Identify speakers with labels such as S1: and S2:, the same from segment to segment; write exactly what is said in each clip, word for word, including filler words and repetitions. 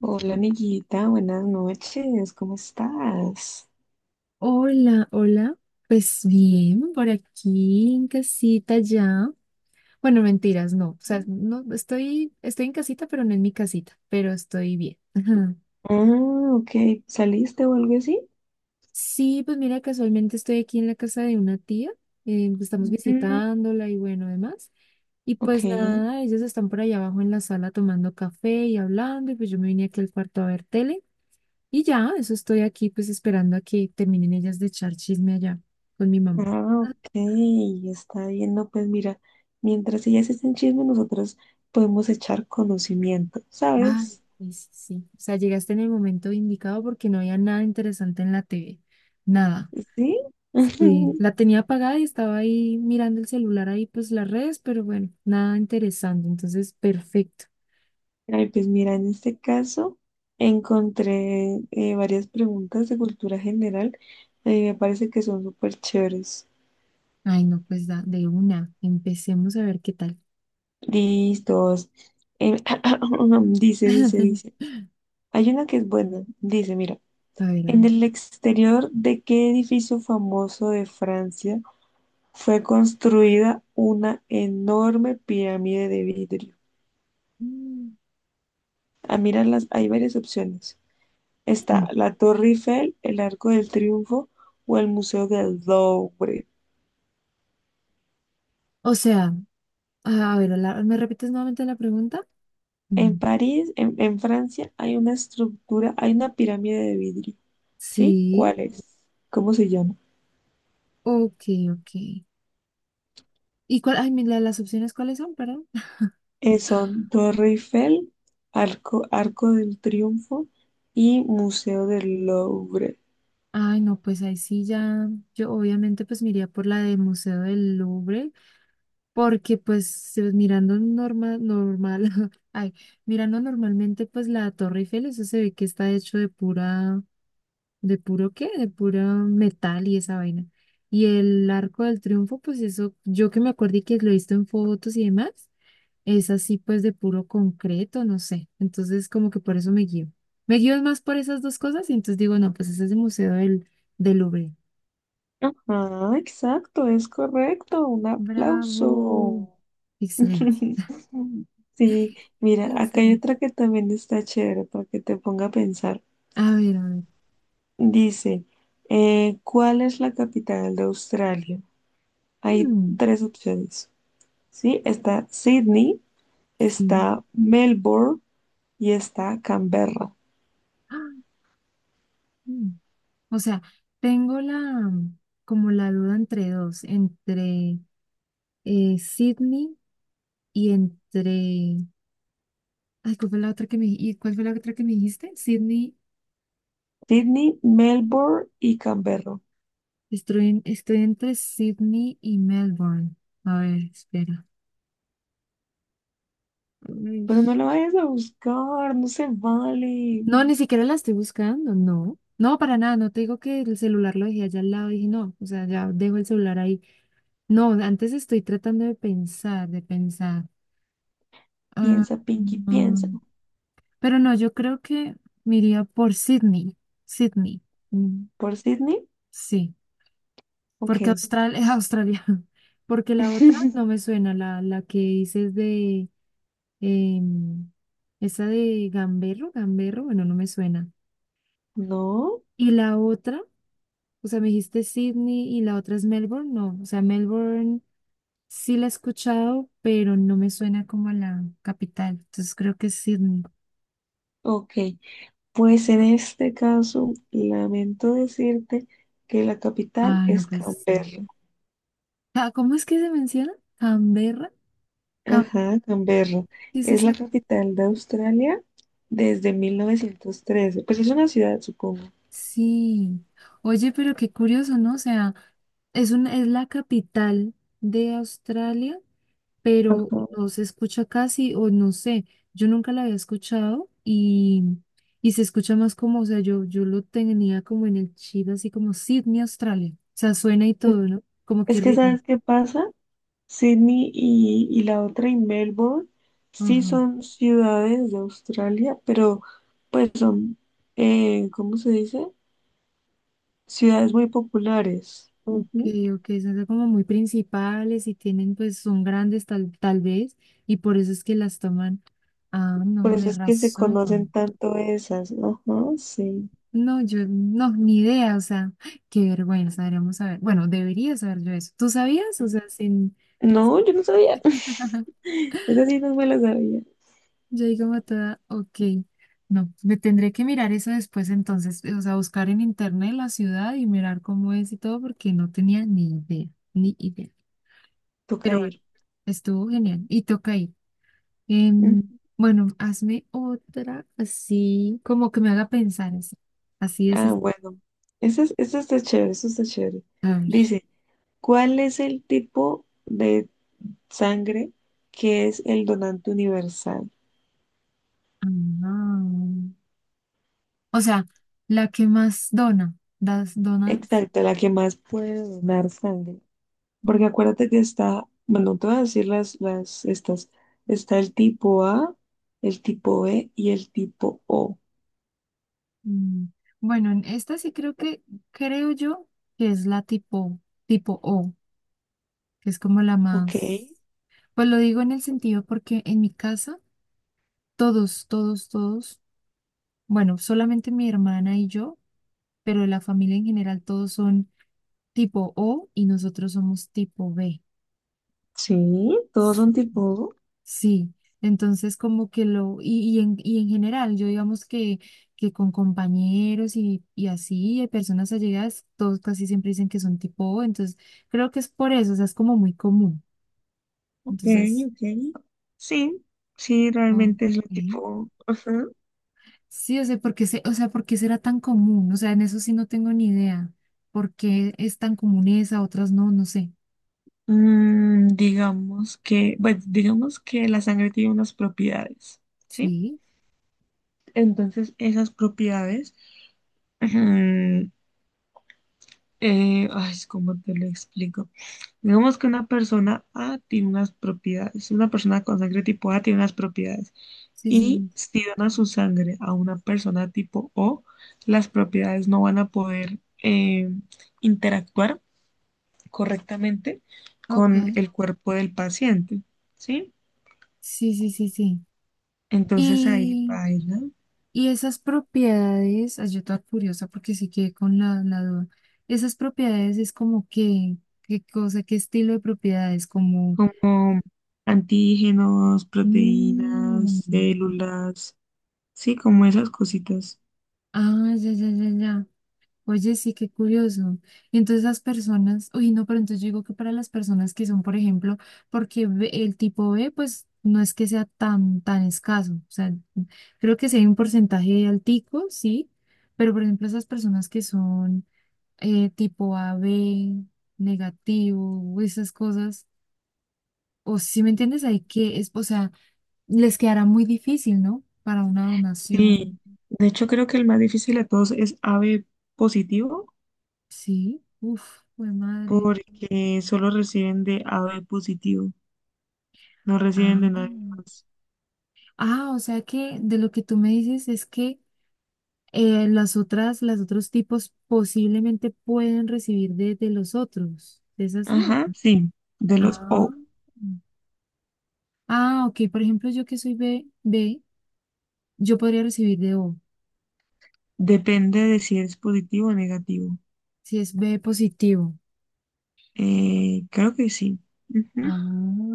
S1: Hola amiguita, buenas noches, ¿cómo estás?
S2: Hola, hola. Pues bien, por aquí en casita ya. Bueno, mentiras, no. O sea, no estoy, estoy en casita, pero no en mi casita, pero estoy bien. Ajá.
S1: Ah, ok, ¿saliste o algo así?
S2: Sí, pues mira, casualmente estoy aquí en la casa de una tía. Eh, estamos
S1: Mm,
S2: visitándola y bueno, demás. Y
S1: ok,
S2: pues nada, ellas están por allá abajo en la sala tomando café y hablando, y pues yo me vine aquí al cuarto a ver tele. Y ya, eso estoy aquí pues esperando a que terminen ellas de echar chisme allá con mi mamá.
S1: ah, ok, está bien, no, pues mira, mientras ellas estén chisme, nosotros podemos echar conocimiento,
S2: Ah,
S1: ¿sabes?
S2: sí, sí, sí. O sea, llegaste en el momento indicado porque no había nada interesante en la T V. Nada.
S1: ¿Sí?
S2: Sí, la tenía apagada y estaba ahí mirando el celular ahí, pues las redes, pero bueno, nada interesante. Entonces, perfecto.
S1: Ay, pues mira, en este caso encontré eh, varias preguntas de cultura general, eh, me parece que son súper chéveres.
S2: Ay, no, pues da, de una. Empecemos a ver qué tal.
S1: Listos. Em, dice, dice, dice. Hay una que es buena. Dice, mira,
S2: A ver, a
S1: ¿en
S2: ver.
S1: el exterior de qué edificio famoso de Francia fue construida una enorme pirámide de vidrio?
S2: Mm,
S1: Ah, mira, las, hay varias opciones.
S2: sí.
S1: Está la Torre Eiffel, el Arco del Triunfo o el Museo del Louvre.
S2: O sea, a a ver, la- ¿me repites nuevamente la pregunta? Mm,
S1: En París, en, en Francia, hay una estructura, hay una pirámide de vidrio. ¿Sí?
S2: sí,
S1: ¿Cuál es? ¿Cómo se llama?
S2: ok, ok. ¿Y cuál, ay, mi- la- las opciones cuáles son, perdón?
S1: Eh, son Torre Eiffel, Arco, Arco del Triunfo y Museo del Louvre.
S2: Ay, no, pues ahí sí ya, yo obviamente pues me iría por la de Museo del Louvre, porque pues eh, mirando normal, normal, ay, mirando normalmente pues la Torre Eiffel, eso se ve que está hecho de pura, de puro qué, de pura metal y esa vaina. Y el Arco del Triunfo, pues eso, yo que me acuerdo y que lo he visto en fotos y demás, es así pues de puro concreto, no sé. Entonces como que por eso me guío. Me guío más por esas dos cosas y entonces digo, no, pues ese es el Museo del, del Louvre.
S1: Ajá, exacto, es correcto. Un
S2: Bravo.
S1: aplauso.
S2: Excelente.
S1: Sí, mira, acá hay
S2: Excelente.
S1: otra que también está chévere para que te ponga a pensar.
S2: A ver, a ver.
S1: Dice, eh, ¿cuál es la capital de Australia? Hay
S2: Mm,
S1: tres opciones, ¿sí? Está Sydney,
S2: sí.
S1: está Melbourne y está Canberra.
S2: Ah, mm. O sea, tengo la como la duda entre dos, entre eh, Sydney y entre. Ay, ¿cuál fue la otra que me, y cuál fue la otra que me dijiste? Sydney.
S1: Sydney, Melbourne y Canberra.
S2: Estoy, en- estoy entre Sydney y Melbourne. A ver, espera. Uy.
S1: Pero no lo vayas a buscar, no se vale.
S2: No, ni siquiera la estoy buscando, no. No, para nada, no te digo que el celular lo dejé allá al lado y dije, no, o sea, ya dejo el celular ahí. No, antes estoy tratando de pensar, de pensar. Ah,
S1: Piensa, Pinky, piensa.
S2: mm, pero no, yo creo que me iría por Sydney, Sydney. Mm,
S1: ¿Por Sydney?
S2: sí, porque
S1: Ok.
S2: Australia es Australia, porque la otra no me suena, la, la que dices de, em, esa de Gamberro, Gamberro, bueno, no me suena.
S1: No,
S2: Y la otra. O sea, me dijiste Sydney y la otra es Melbourne. No, o sea, Melbourne sí la he escuchado, pero no me suena como a la capital. Entonces creo que es Sydney.
S1: ok. Pues en este caso, lamento decirte que la capital
S2: Ah, no,
S1: es
S2: pues sí.
S1: Canberra.
S2: Ah, ¿cómo es que se menciona? Canberra. Cam-
S1: Ajá, Canberra.
S2: ¿Qué es
S1: Es la
S2: esa?
S1: capital de Australia desde mil novecientos trece. Pues es una ciudad, supongo.
S2: Sí. Oye, pero qué curioso, ¿no? O sea, es un es la capital de Australia, pero
S1: Ajá.
S2: no se escucha casi, o no sé, yo nunca la había escuchado y, y se escucha más como, o sea, yo, yo lo tenía como en el chip, así como Sydney, Australia. O sea, suena y
S1: Es
S2: todo, ¿no? Como que
S1: es que,
S2: ritmo.
S1: ¿sabes qué pasa? Sydney y, y la otra y Melbourne sí
S2: Ajá.
S1: son ciudades de Australia, pero pues son, eh, ¿cómo se dice? Ciudades muy populares.
S2: Ok,
S1: Ujú.
S2: ok, son como muy principales y tienen, pues, son grandes tal, tal vez, y por eso es que las toman. Ah,
S1: Por
S2: no,
S1: eso
S2: de
S1: es que se conocen
S2: razón.
S1: tanto esas. Ajá, sí.
S2: No, yo no, ni idea, o sea, qué vergüenza, deberíamos saber. Bueno, debería saber yo eso. ¿Tú sabías? O sea, sin.
S1: No, yo no sabía. Esa sí no me la sabía.
S2: Yo digo matada, ok. No, me tendré que mirar eso después entonces, o sea, buscar en internet la ciudad y mirar cómo es y todo, porque no tenía ni idea, ni idea.
S1: Toca
S2: Pero bueno,
S1: ir.
S2: estuvo genial y toca ir.
S1: Mm.
S2: Em, bueno, hazme otra así, como que me haga pensar así. Así es.
S1: Ah,
S2: es-
S1: bueno. Eso es- eso está chévere, eso está chévere.
S2: A ver.
S1: Dice, ¿cuál es el tipo de sangre, que es el donante universal?
S2: Ah, o sea, la que más dona, das donas.
S1: Exacto, la que más puede donar sangre. Porque acuérdate que está, bueno, te voy a decir las, las, estas. Está el tipo A, el tipo B y el tipo O.
S2: Mm, Bueno, en esta sí creo que, creo yo que es la tipo, tipo O, que es como la
S1: Ok,
S2: más, pues lo digo en el sentido porque en mi casa todos, todos, todos, bueno, solamente mi hermana y yo, pero la familia en general todos son tipo O y nosotros somos tipo B.
S1: sí, todos son tipo O.
S2: Sí, entonces como que lo, y, y, en, y en general, yo digamos que, que con compañeros y, y así, eh, personas allegadas, todos casi siempre dicen que son tipo O, entonces creo que es por eso, o sea, es como muy común.
S1: Ok,
S2: Entonces,
S1: ok. Sí, sí,
S2: ok.
S1: realmente es lo tipo. Ajá.
S2: Sí, o sea, porque se, o sea, ¿por qué será tan común? O sea, en eso sí no tengo ni idea. ¿Por qué es tan común esa, otras no? No sé.
S1: Mm, digamos que, bueno, digamos que la sangre tiene unas propiedades, ¿sí?
S2: Sí,
S1: Entonces, esas propiedades, ujú. Eh, ay, ¿cómo te lo explico? Digamos que una persona A tiene unas propiedades, una persona con sangre tipo A tiene unas propiedades
S2: sí,
S1: y
S2: sí.
S1: si dona su sangre a una persona tipo O, las propiedades no van a poder eh, interactuar correctamente
S2: Ok.
S1: con el cuerpo del paciente, ¿sí?
S2: Sí, sí, sí,
S1: Entonces ahí
S2: sí.
S1: baila
S2: Y esas propiedades, ay, yo toda curiosa porque sí quedé con la, la duda. Esas propiedades es como que, qué cosa, qué estilo de propiedades, como,
S1: como antígenos,
S2: mm,
S1: proteínas, células, sí, como esas cositas.
S2: ah, ya, ya, ya, ya. Oye, sí, qué curioso. Y entonces las personas, uy, no, pero entonces yo digo que para las personas que son, por ejemplo, porque B- el tipo B, pues no es que sea tan, tan escaso. O sea, creo que sí hay un porcentaje altico, sí, pero por ejemplo, esas personas que son eh, tipo A B negativo, esas cosas. O si me entiendes, hay que, es, o sea, les quedará muy difícil, ¿no? Para una donación.
S1: Sí, de hecho creo que el más difícil de todos es A B positivo
S2: Sí, uf, fue madre.
S1: porque solo reciben de A B positivo, no reciben
S2: Ah.
S1: de nadie más.
S2: Ah, o sea que de lo que tú me dices es que eh, las otras, los otros tipos posiblemente pueden recibir de, de los otros. ¿Es así? o-
S1: Ajá, sí, de los
S2: Ah.
S1: O.
S2: Ah, ok. Por ejemplo, yo que soy B, B, yo podría recibir de O,
S1: Depende de si es positivo o negativo.
S2: si es B positivo.
S1: Eh, creo que sí. Ujú,
S2: Ah,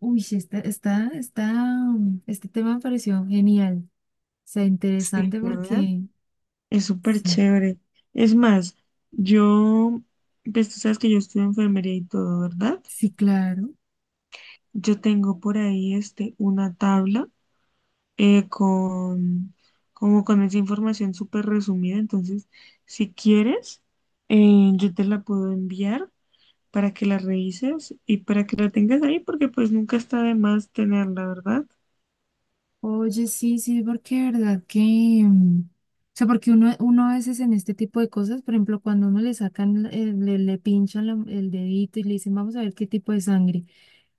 S2: uy, sí, está, está, está, um, este tema me pareció genial. O sea,
S1: sí,
S2: interesante
S1: ¿verdad?
S2: porque,
S1: Es súper
S2: sí,
S1: chévere. Es más, yo, pues tú sabes que yo estudio enfermería y todo, ¿verdad?
S2: sí, claro.
S1: Yo tengo por ahí este, una tabla eh, con, como con esa información súper resumida. Entonces, si quieres, eh, yo te la puedo enviar para que la revises y para que la tengas ahí, porque pues nunca está de más tenerla, ¿verdad?
S2: Oye, sí, sí, porque de verdad que, mm, o sea, porque uno, uno a veces en este tipo de cosas, por ejemplo, cuando uno le sacan, el- le, le pinchan la- el dedito y le dicen, vamos a ver qué tipo de sangre.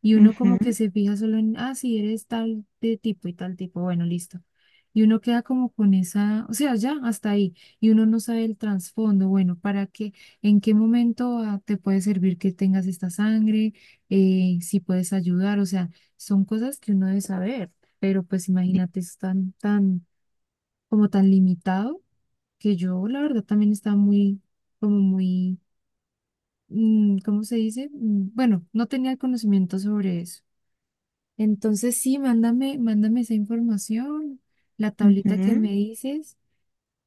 S2: Y uno
S1: Ujú,
S2: como que se fija solo en, ah, sí, eres tal de tipo y tal tipo, bueno, listo. Y uno queda como con esa, o sea, ya hasta ahí. Y uno no sabe el trasfondo, bueno, para qué, en qué momento ah, te puede servir que tengas esta sangre, eh, si puedes ayudar, o sea, son cosas que uno debe saber. Pero pues imagínate, es tan, tan, como tan limitado que yo, la verdad, también estaba muy, como muy, mm, ¿cómo se dice? Mm, Bueno, no tenía el conocimiento sobre eso. Entonces sí, mándame, mándame esa información, la tablita que
S1: ujú.
S2: me dices,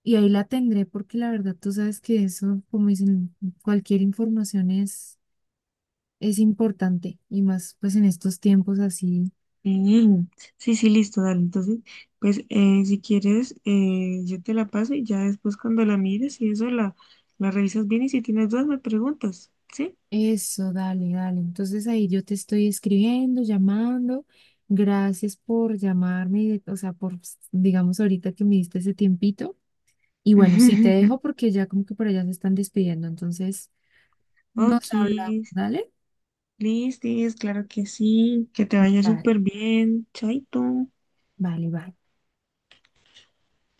S2: y ahí la tendré porque la verdad tú sabes que eso, como dicen, cualquier información es, es importante y más pues en estos tiempos así.
S1: Sí, sí, sí, listo, dale. Entonces, pues eh, si quieres, eh, yo te la paso y ya después cuando la mires y eso la, la revisas bien y si tienes dudas me preguntas, ¿sí?
S2: Eso, dale, dale. Entonces ahí yo te estoy escribiendo, llamando. Gracias por llamarme, y de- o sea, por, digamos, ahorita que me diste ese tiempito. Y bueno, sí, te dejo porque ya como que por allá se están despidiendo, entonces
S1: Ok,
S2: nos hablamos, ¿dale?
S1: Listis, claro que sí, que te vaya
S2: Dale.
S1: súper bien, chaito.
S2: Vale, vale.